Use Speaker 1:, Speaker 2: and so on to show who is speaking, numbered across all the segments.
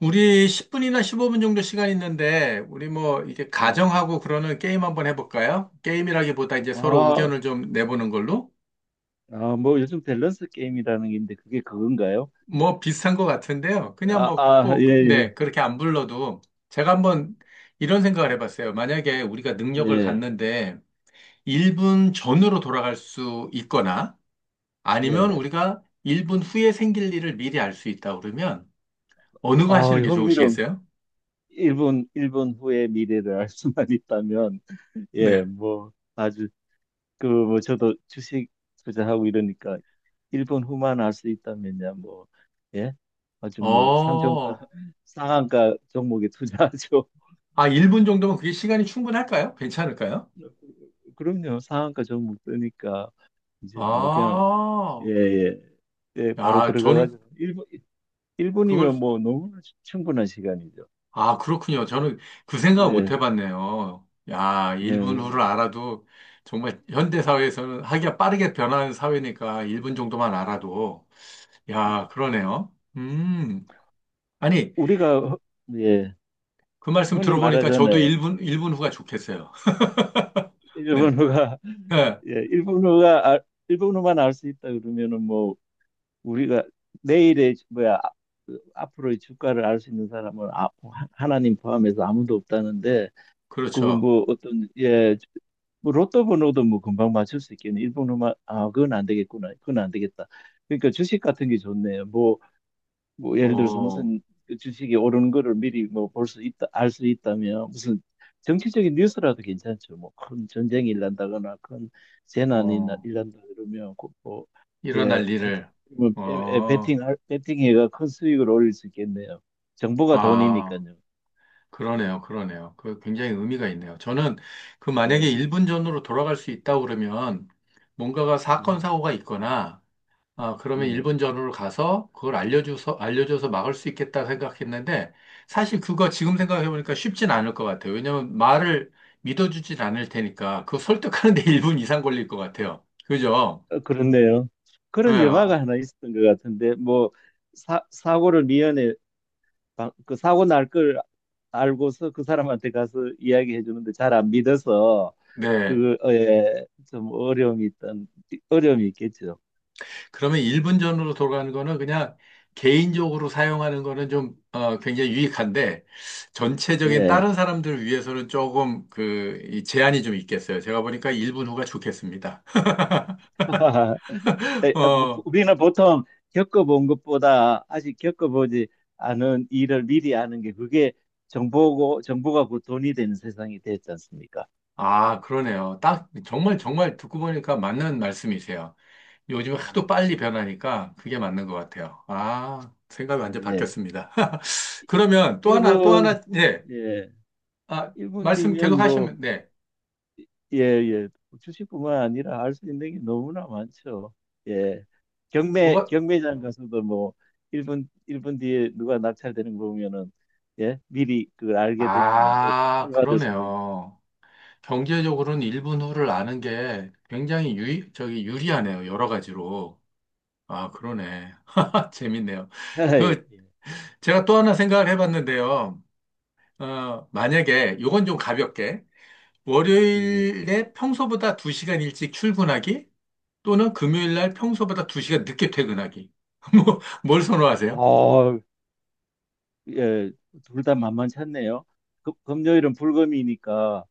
Speaker 1: 우리 10분이나 15분 정도 시간 있는데, 우리 뭐, 이게
Speaker 2: 네.
Speaker 1: 가정하고 그러는 게임 한번 해볼까요? 게임이라기보다 이제 서로
Speaker 2: 아,
Speaker 1: 의견을 좀 내보는 걸로?
Speaker 2: 아, 뭐 요즘 밸런스 게임이라는 게 있는데 그게 그건가요?
Speaker 1: 뭐 비슷한 것 같은데요. 그냥
Speaker 2: 아,
Speaker 1: 뭐
Speaker 2: 아,
Speaker 1: 꼭,
Speaker 2: 예,
Speaker 1: 네, 그렇게 안 불러도 제가 한번 이런 생각을 해봤어요. 만약에 우리가
Speaker 2: 예,
Speaker 1: 능력을
Speaker 2: 예,
Speaker 1: 갖는데 1분 전으로 돌아갈 수 있거나 아니면
Speaker 2: 예.
Speaker 1: 우리가 1분 후에 생길 일을 미리 알 수 있다 그러면 어느 거
Speaker 2: 아,
Speaker 1: 하시는 게
Speaker 2: 흥미로운
Speaker 1: 좋으시겠어요?
Speaker 2: 일본 후의 미래를 알 수만 있다면, 예,
Speaker 1: 네.
Speaker 2: 뭐 아주 그 뭐 저도 주식 투자하고 이러니까 일본 후만 알 수 있다면야 뭐, 예, 아주 뭐 상종가,
Speaker 1: 어,
Speaker 2: 상한가 종목에 투자하죠.
Speaker 1: 1분 정도면 그게 시간이 충분할까요? 괜찮을까요?
Speaker 2: 그럼요, 상한가 종목 뜨니까 이제 뭐 그냥 예,
Speaker 1: 아,
Speaker 2: 예. 예, 바로
Speaker 1: 야, 저는
Speaker 2: 들어가가지고 1분, 일분이
Speaker 1: 그걸,
Speaker 2: 면 뭐 너무나 충분한 시간이죠.
Speaker 1: 아, 그렇군요. 저는 그 생각을 못
Speaker 2: 예.
Speaker 1: 해봤네요. 야, 1분 후를
Speaker 2: 네.
Speaker 1: 알아도 정말 현대사회에서는 하기가 빠르게 변하는 사회니까 1분 정도만 알아도, 야, 그러네요. 아니,
Speaker 2: 우리가 허- 예,
Speaker 1: 그 말씀
Speaker 2: 흔히
Speaker 1: 들어보니까 저도
Speaker 2: 말하잖아요.
Speaker 1: 1분, 일분 후가 좋겠어요. 네,
Speaker 2: 일본어가
Speaker 1: 네,
Speaker 2: 예, 일본어만 알 수 있다 그러면은 뭐 우리가 내일의 뭐야 아- 그 앞으로의 주가를 알 수 있는 사람은 아, 하나님 포함해서 아무도 없다는데 그건
Speaker 1: 그렇죠.
Speaker 2: 뭐 어떤 예, 뭐 로또 번호도 뭐 금방 맞출 수 있겠네. 일본어만 아 그건 안 되겠구나. 그건 안 되겠다. 그러니까 주식 같은 게 좋네요. 뭐, 뭐 예를 들어서
Speaker 1: 어,
Speaker 2: 무슨 그 주식이 오르는 거를 미리 뭐 볼 수 있다, 알 수 있다면 무슨 정치적인 뉴스라도 괜찮죠. 뭐 큰 전쟁이 일난다거나 큰 재난이
Speaker 1: 어,
Speaker 2: 일난다 그러면 그 뭐,
Speaker 1: 일어날
Speaker 2: 예, 하여튼
Speaker 1: 일을,
Speaker 2: 뭐 에, 에,
Speaker 1: 어,
Speaker 2: 베팅해가 큰 수익을 올릴 수 있겠네요. 정보가
Speaker 1: 아.
Speaker 2: 돈이니까요.
Speaker 1: 그러네요, 그러네요. 그 굉장히 의미가 있네요. 저는 그 만약에
Speaker 2: 네,
Speaker 1: 1분 전으로 돌아갈 수 있다고 그러면 뭔가가 사건,
Speaker 2: 네,
Speaker 1: 사고가 있거나, 아, 그러면
Speaker 2: 네.
Speaker 1: 1분 전으로 가서 그걸 알려줘서, 알려줘서 막을 수 있겠다 생각했는데, 사실 그거 지금 생각해보니까 쉽진 않을 것 같아요. 왜냐면 말을 믿어주진 않을 테니까, 그거 설득하는데 1분 이상 걸릴 것 같아요. 그죠?
Speaker 2: 어, 그렇네요.
Speaker 1: 네,
Speaker 2: 그런 영화가
Speaker 1: 아,
Speaker 2: 하나 있었던 것 같은데, 뭐, 사고를 미연에, 그 사고 날 걸 알고서 그 사람한테 가서 이야기해 주는데 잘 안 믿어서,
Speaker 1: 네.
Speaker 2: 그, 어, 예, 좀 어려움이 있겠죠.
Speaker 1: 그러면 1분 전으로 돌아가는 거는 그냥 개인적으로 사용하는 거는 굉장히 유익한데 전체적인
Speaker 2: 예.
Speaker 1: 다른 사람들을 위해서는 조금 그 이 제한이 좀 있겠어요. 제가 보니까 1분 후가 좋겠습니다.
Speaker 2: 에, 아, 뭐, 뭐,
Speaker 1: 어,
Speaker 2: 우리는 보통 겪어본 것보다 아직 겪어보지 않은 일을 미리 아는 게 그게 정보고, 정보가 곧 돈이 되는 세상이 됐지 않습니까?
Speaker 1: 아, 그러네요. 딱 정말 정말 듣고 보니까 맞는 말씀이세요. 요즘 하도
Speaker 2: 네,
Speaker 1: 빨리 변하니까 그게 맞는 것 같아요. 아, 생각이
Speaker 2: 네,
Speaker 1: 완전
Speaker 2: 예.
Speaker 1: 바뀌었습니다. 그러면 또 하나, 또
Speaker 2: 1분,
Speaker 1: 하나, 네.
Speaker 2: 예,
Speaker 1: 아,
Speaker 2: 1분
Speaker 1: 말씀
Speaker 2: 뒤면
Speaker 1: 계속
Speaker 2: 뭐,
Speaker 1: 하시면, 네.
Speaker 2: 예, 예, 주식뿐만 아니라 알 수 있는 게 너무나 많죠. 예, 경매,
Speaker 1: 뭐가,
Speaker 2: 경매장 가서도 뭐, 1분, 일분 뒤에 누가 낙찰되는 거 보면은, 예, 미리 그걸 알게 되면은 뭘
Speaker 1: 아,
Speaker 2: 낙찰받을 수도 있고.
Speaker 1: 그러네요. 경제적으로는 일본 후를 아는 게 굉장히 유리, 저기 유리하네요. 여러 가지로. 아, 그러네. 재밌네요.
Speaker 2: 예,
Speaker 1: 그, 제가 또 하나 생각을 해봤는데요. 어, 만약에, 요건 좀 가볍게,
Speaker 2: 예, 예.
Speaker 1: 월요일에 평소보다 2시간 일찍 출근하기, 또는 금요일날 평소보다 2시간 늦게 퇴근하기. 뭐, 뭘 선호하세요?
Speaker 2: 어, 예, 둘 다 만만치 않네요. 금요일은 불금이니까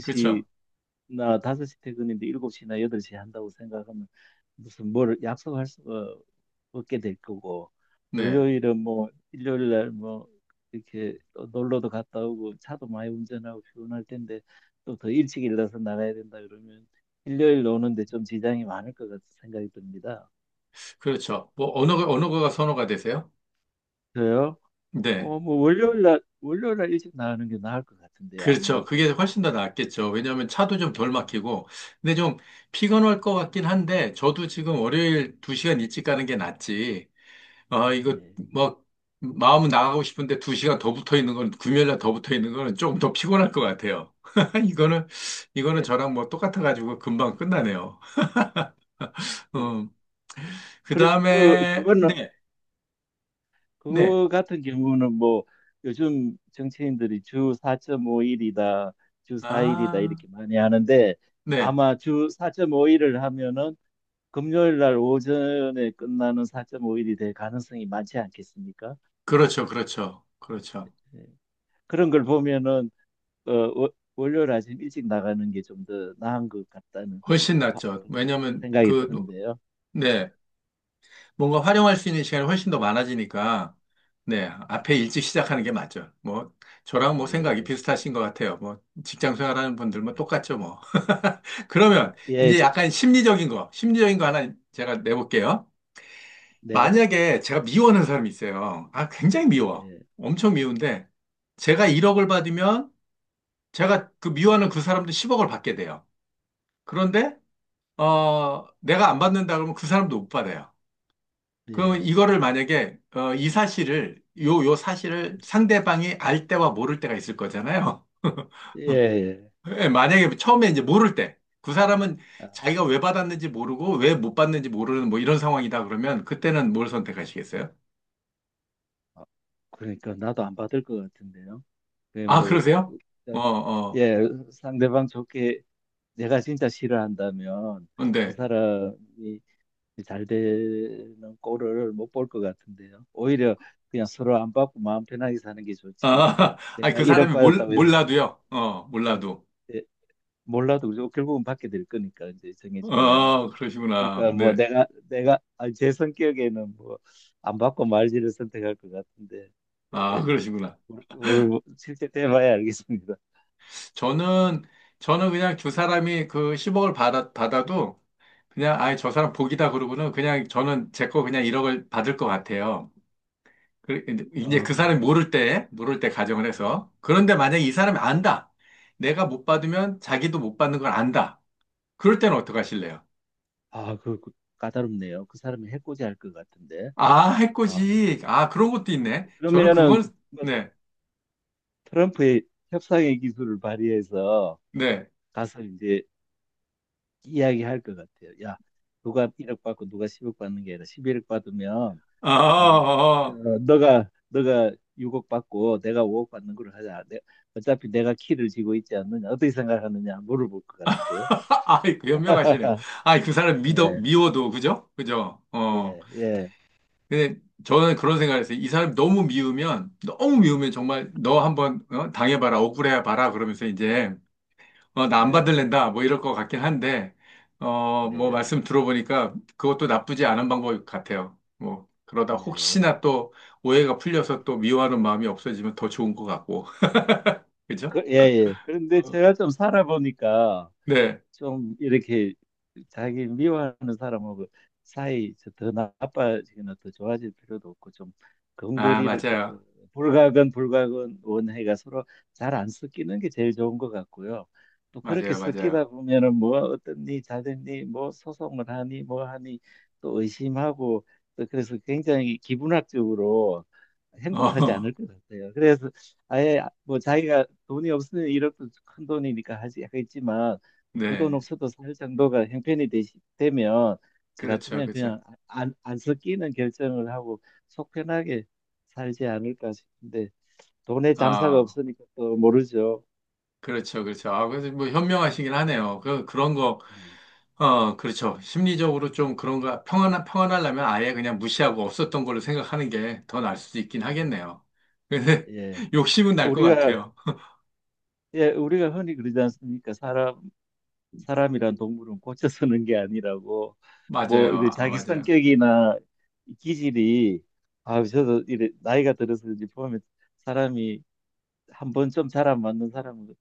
Speaker 1: 그렇죠.
Speaker 2: 5시 퇴근인데 7시나 8시 한다고 생각하면 무슨 뭘 약속할 수가 없게 될 거고
Speaker 1: 네.
Speaker 2: 월요일은 뭐 일요일 날 뭐 이렇게 또 놀러도 갔다 오고 차도 많이 운전하고 피곤할 텐데 또 더 일찍 일어나서 나가야 된다 그러면 일요일 오는데 좀 지장이 많을 것 같은 생각이 듭니다.
Speaker 1: 그렇죠. 뭐, 어느 거가 선호가 되세요?
Speaker 2: 그래요?
Speaker 1: 네.
Speaker 2: 어, 뭐 월요일 날 일찍 나가는 게 나을 것 같은데
Speaker 1: 그렇죠.
Speaker 2: 아무래도
Speaker 1: 그게 훨씬 더 낫겠죠.
Speaker 2: 예,
Speaker 1: 왜냐하면 차도 좀 덜
Speaker 2: 예,
Speaker 1: 막히고. 근데 좀 피곤할 것 같긴 한데, 저도 지금 월요일 2시간 일찍 가는 게 낫지. 아, 이거
Speaker 2: 예.
Speaker 1: 뭐, 마음은 나가고 싶은데 2시간 더 붙어 있는 건, 금요일날 더 붙어 있는 거는 조금 더 피곤할 것 같아요. 이거는, 이거는
Speaker 2: 네,
Speaker 1: 저랑 뭐 똑같아가지고 금방 끝나네요.
Speaker 2: 예.
Speaker 1: 음, 그
Speaker 2: 그래, 그
Speaker 1: 다음에,
Speaker 2: 그거는
Speaker 1: 네, 네.
Speaker 2: 그거 같은 경우는 뭐 요즘 정치인들이 주 4.5일이다, 주 4일이다
Speaker 1: 아,
Speaker 2: 이렇게 많이 하는데
Speaker 1: 네.
Speaker 2: 아마 주 4.5일을 하면은 금요일 날 오전에 끝나는 4.5일이 될 가능성이 많지 않겠습니까?
Speaker 1: 그렇죠. 그렇죠. 그렇죠.
Speaker 2: 예. 그런 걸 보면은 어, 월요일 아침 일찍 나가는 게 좀 더 나은 것 같다는
Speaker 1: 훨씬
Speaker 2: 화-
Speaker 1: 낫죠.
Speaker 2: 그
Speaker 1: 왜냐면
Speaker 2: 생각이
Speaker 1: 그,
Speaker 2: 드는데요.
Speaker 1: 네. 뭔가 활용할 수 있는 시간이 훨씬 더 많아지니까, 네, 앞에 일찍 시작하는 게 맞죠. 뭐, 저랑 뭐 생각이
Speaker 2: 예,
Speaker 1: 비슷하신 것 같아요. 뭐, 직장 생활하는 분들 뭐
Speaker 2: 예,
Speaker 1: 똑같죠, 뭐. 그러면
Speaker 2: 예,
Speaker 1: 이제 약간 심리적인 거 하나 제가 내볼게요.
Speaker 2: 네,
Speaker 1: 만약에 제가 미워하는 사람이 있어요. 아, 굉장히 미워.
Speaker 2: 예,
Speaker 1: 엄청 미운데, 제가 1억을 받으면 제가 그 미워하는 그 사람도 10억을 받게 돼요. 그런데, 어, 내가 안 받는다 그러면 그 사람도 못 받아요. 그럼
Speaker 2: 예,
Speaker 1: 이거를 만약에 어, 이 사실을 요, 요 사실을 상대방이 알 때와 모를 때가 있을 거잖아요.
Speaker 2: 예. 예.
Speaker 1: 예, 만약에 처음에 이제 모를 때 그 사람은
Speaker 2: 아,
Speaker 1: 자기가 왜 받았는지 모르고 왜 못 받는지 모르는 뭐 이런 상황이다 그러면 그때는 뭘 선택하시겠어요?
Speaker 2: 아, 그러니까 나도 안 받을 것 같은데요. 그게
Speaker 1: 아,
Speaker 2: 뭐,
Speaker 1: 그러세요? 어,
Speaker 2: 어,
Speaker 1: 어.
Speaker 2: 예, 상대방 좋게 내가 진짜 싫어한다면 그
Speaker 1: 근데
Speaker 2: 사람이 잘 되는 꼴을 못 볼 것 같은데요. 오히려 그냥 서로 안 받고 마음 편하게 사는 게
Speaker 1: 아,
Speaker 2: 좋지.
Speaker 1: 아니,
Speaker 2: 내가
Speaker 1: 그
Speaker 2: 1억
Speaker 1: 사람이
Speaker 2: 받았다고 해서
Speaker 1: 몰라도요. 어, 몰라도.
Speaker 2: 예, 몰라도 그죠? 결국은 받게 될 거니까 이제 정해지면.
Speaker 1: 어, 그러시구나.
Speaker 2: 그러니까 뭐
Speaker 1: 네.
Speaker 2: 내가 아, 제 성격에는 뭐 안 받고 말지를 선택할 것 같은데
Speaker 1: 아, 그러시구나.
Speaker 2: 오늘 뭐 실제 때 봐야 알겠습니다.
Speaker 1: 저는 저는 그냥 두 사람이 그 10억을 받아, 받아도 그냥 아예 저 사람 복이다 그러고는 그냥 저는 제 거 그냥 1억을 받을 것 같아요. 그- 이제 그
Speaker 2: 아,
Speaker 1: 사람이 모를 때 가정을
Speaker 2: 네,
Speaker 1: 해서. 그런데 만약에 이 사람이
Speaker 2: 예.
Speaker 1: 안다. 내가 못 받으면 자기도 못 받는 걸 안다. 그럴 때는 어떡하실래요?
Speaker 2: 아, 그 까다롭네요. 그 사람이 해코지 할 것 같은데.
Speaker 1: 아,
Speaker 2: 아,
Speaker 1: 해코지. 아, 그런 것도 있네. 저는
Speaker 2: 그러면은
Speaker 1: 그건,
Speaker 2: 뭐
Speaker 1: 네,
Speaker 2: 트럼프의 협상의 기술을 발휘해서
Speaker 1: 네.
Speaker 2: 가서 이제 이야기할 것 같아요. 야, 누가 1억 받고 누가 10억 받는 게 아니라 11억 받으면 어, 어,
Speaker 1: 아.
Speaker 2: 너가 6억 받고 내가 5억 받는 걸로 하자. 내, 어차피 내가 키를 쥐고 있지 않느냐. 어떻게 생각하느냐 물어볼 것 같은데요.
Speaker 1: 아이, 그 현명하시네요. 아이,
Speaker 2: 예.
Speaker 1: 미워도, 그죠? 그죠? 어
Speaker 2: 예, 예,
Speaker 1: 근데 저는 그런 생각을 했어요. 이 사람이 너무 미우면 정말 너 한번 어? 당해봐라, 억울해봐라, 그러면서 이제, 어, 나 안
Speaker 2: 예,
Speaker 1: 받을랜다, 뭐 이럴 것 같긴 한데, 어, 뭐
Speaker 2: 예,
Speaker 1: 말씀 들어보니까 그것도 나쁘지 않은 방법 같아요. 뭐, 그러다
Speaker 2: 예.
Speaker 1: 혹시나 또 오해가 풀려서 또 미워하는 마음이 없어지면 더 좋은 것 같고, 그죠?
Speaker 2: 그, 예, 예. 그런데 제가 좀 살아보니까
Speaker 1: 네.
Speaker 2: 좀 이렇게 자기 미워하는 사람하고 사이 저더 나빠지거나 더 좋아질 필요도 없고 좀
Speaker 1: 아,
Speaker 2: 근거리를 그, 어,
Speaker 1: 맞아요.
Speaker 2: 불가근 불가근 원해가 서로 잘 안 섞이는 게 제일 좋은 것 같고요. 또 그렇게
Speaker 1: 맞아요, 맞아요.
Speaker 2: 섞이다 보면은 뭐 어땠니 잘 됐니 뭐 소송을 하니 뭐 하니 또 의심하고 또 그래서 굉장히 기분학적으로 행복하지
Speaker 1: 어,
Speaker 2: 않을 것 같아요. 그래서 아예 뭐 자기가 돈이 없으면 1억도 큰 돈이니까 하지 하겠지만 그 돈
Speaker 1: 네.
Speaker 2: 없어도 살 정도가 형편이 되면 저
Speaker 1: 그렇죠,
Speaker 2: 같으면
Speaker 1: 그렇죠.
Speaker 2: 그냥 안 섞이는 결정을 하고 속 편하게 살지 않을까 싶은데 돈에 장사가
Speaker 1: 아.
Speaker 2: 없으니까 또 모르죠.
Speaker 1: 그렇죠, 그렇죠. 아, 그래서 뭐 현명하시긴 하네요. 그런 거,
Speaker 2: 음.
Speaker 1: 어, 그렇죠. 심리적으로 좀 그런 거, 평안하려면 아예 그냥 무시하고 없었던 걸로 생각하는 게 더 나을 수도 있긴
Speaker 2: 예,
Speaker 1: 하겠네요. 근데
Speaker 2: 예.
Speaker 1: 욕심은 날 것
Speaker 2: 우리가
Speaker 1: 같아요.
Speaker 2: 예, 우리가 흔히 그러지 않습니까? 사람 사람이란 동물은 고쳐 쓰는 게 아니라고 뭐
Speaker 1: 맞아요.
Speaker 2: 이제
Speaker 1: 아,
Speaker 2: 자기
Speaker 1: 맞아요.
Speaker 2: 성격이나 기질이 아 저도 이래 나이가 들어서 이제 보면 사람이 한번 좀 잘 안 맞는 사람은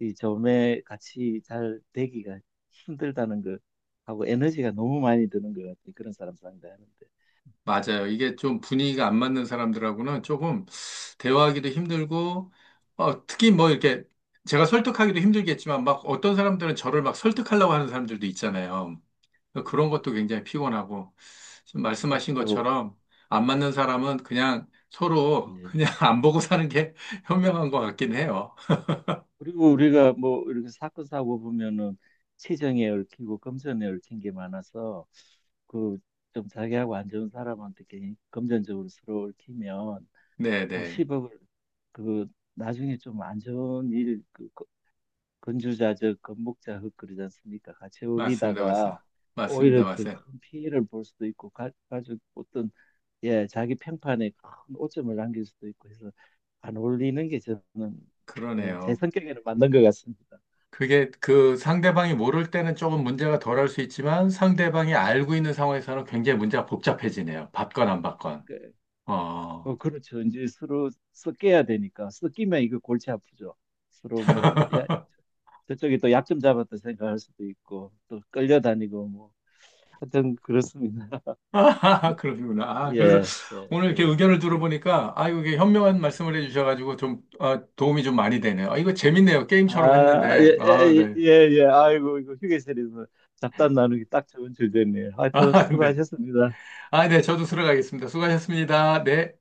Speaker 2: 이 점에 같이 잘 되기가 힘들다는 거 하고 에너지가 너무 많이 드는 것 같아요. 그런 사람 상대하는데.
Speaker 1: 맞아요. 이게 좀 분위기가 안 맞는 사람들하고는 조금 대화하기도 힘들고, 어, 특히 뭐 이렇게 제가 설득하기도 힘들겠지만 막 어떤 사람들은 저를 막 설득하려고 하는 사람들도 있잖아요.
Speaker 2: 음,
Speaker 1: 그러니까 그런 것도 굉장히 피곤하고, 지금 말씀하신
Speaker 2: 그렇죠.
Speaker 1: 것처럼 안 맞는 사람은 그냥 서로
Speaker 2: 예.
Speaker 1: 그냥 안 보고 사는 게 현명한 것 같긴 해요.
Speaker 2: 그리고 우리가 뭐 이렇게 사건 사고 보면은 치정에 얽히고 금전에 얽힌 게 많아서 그 좀 자기하고 안 좋은 사람한테 괜히 금전적으로 서로 얽히면 뭐
Speaker 1: 네네.
Speaker 2: 10억을 그 나중에 좀 안 좋은 일, 그 건주자적, 건목자흙 그러지 않습니까? 같이
Speaker 1: 맞습니다.
Speaker 2: 어울리다가
Speaker 1: 맞습니다.
Speaker 2: 오히려
Speaker 1: 맞습니다.
Speaker 2: 더
Speaker 1: 맞아요.
Speaker 2: 큰 피해를 볼 수도 있고 가족 어떤 예 자기 평판에 큰 오점을 남길 수도 있고 해서 안 어울리는 게 저는 어, 제
Speaker 1: 그러네요.
Speaker 2: 성격에는 맞는 것 같습니다.
Speaker 1: 그게 그 상대방이 모를 때는 조금 문제가 덜할 수 있지만 상대방이 알고 있는 상황에서는 굉장히 문제가 복잡해지네요. 받건 안 받건.
Speaker 2: 그, 어,
Speaker 1: 어.
Speaker 2: 그렇죠. 이제 서로 섞여야 되니까 섞이면 이거 골치 아프죠. 서로 뭐 야, 저쪽이 또 약점 잡았다 생각할 수도 있고 또 끌려다니고 뭐 하여튼 그렇습니다.
Speaker 1: 아, 그러시구나. 아, 그래서
Speaker 2: 예, 예,
Speaker 1: 오늘 이렇게
Speaker 2: 예.
Speaker 1: 의견을 들어보니까, 아, 이게 현명한 말씀을 해주셔가지고 좀 아, 도움이 좀 많이 되네요. 아, 이거 재밌네요. 게임처럼
Speaker 2: 아,
Speaker 1: 했는데.
Speaker 2: 예,
Speaker 1: 아,
Speaker 2: 예,
Speaker 1: 네.
Speaker 2: 예, 예. 아이고, 이거 휴게실에서 잡담 나누기 딱 좋은 주제네요. 하여튼
Speaker 1: 아, 네.
Speaker 2: 수고하셨습니다.
Speaker 1: 아, 네. 저도 들어가겠습니다. 수고하셨습니다. 네.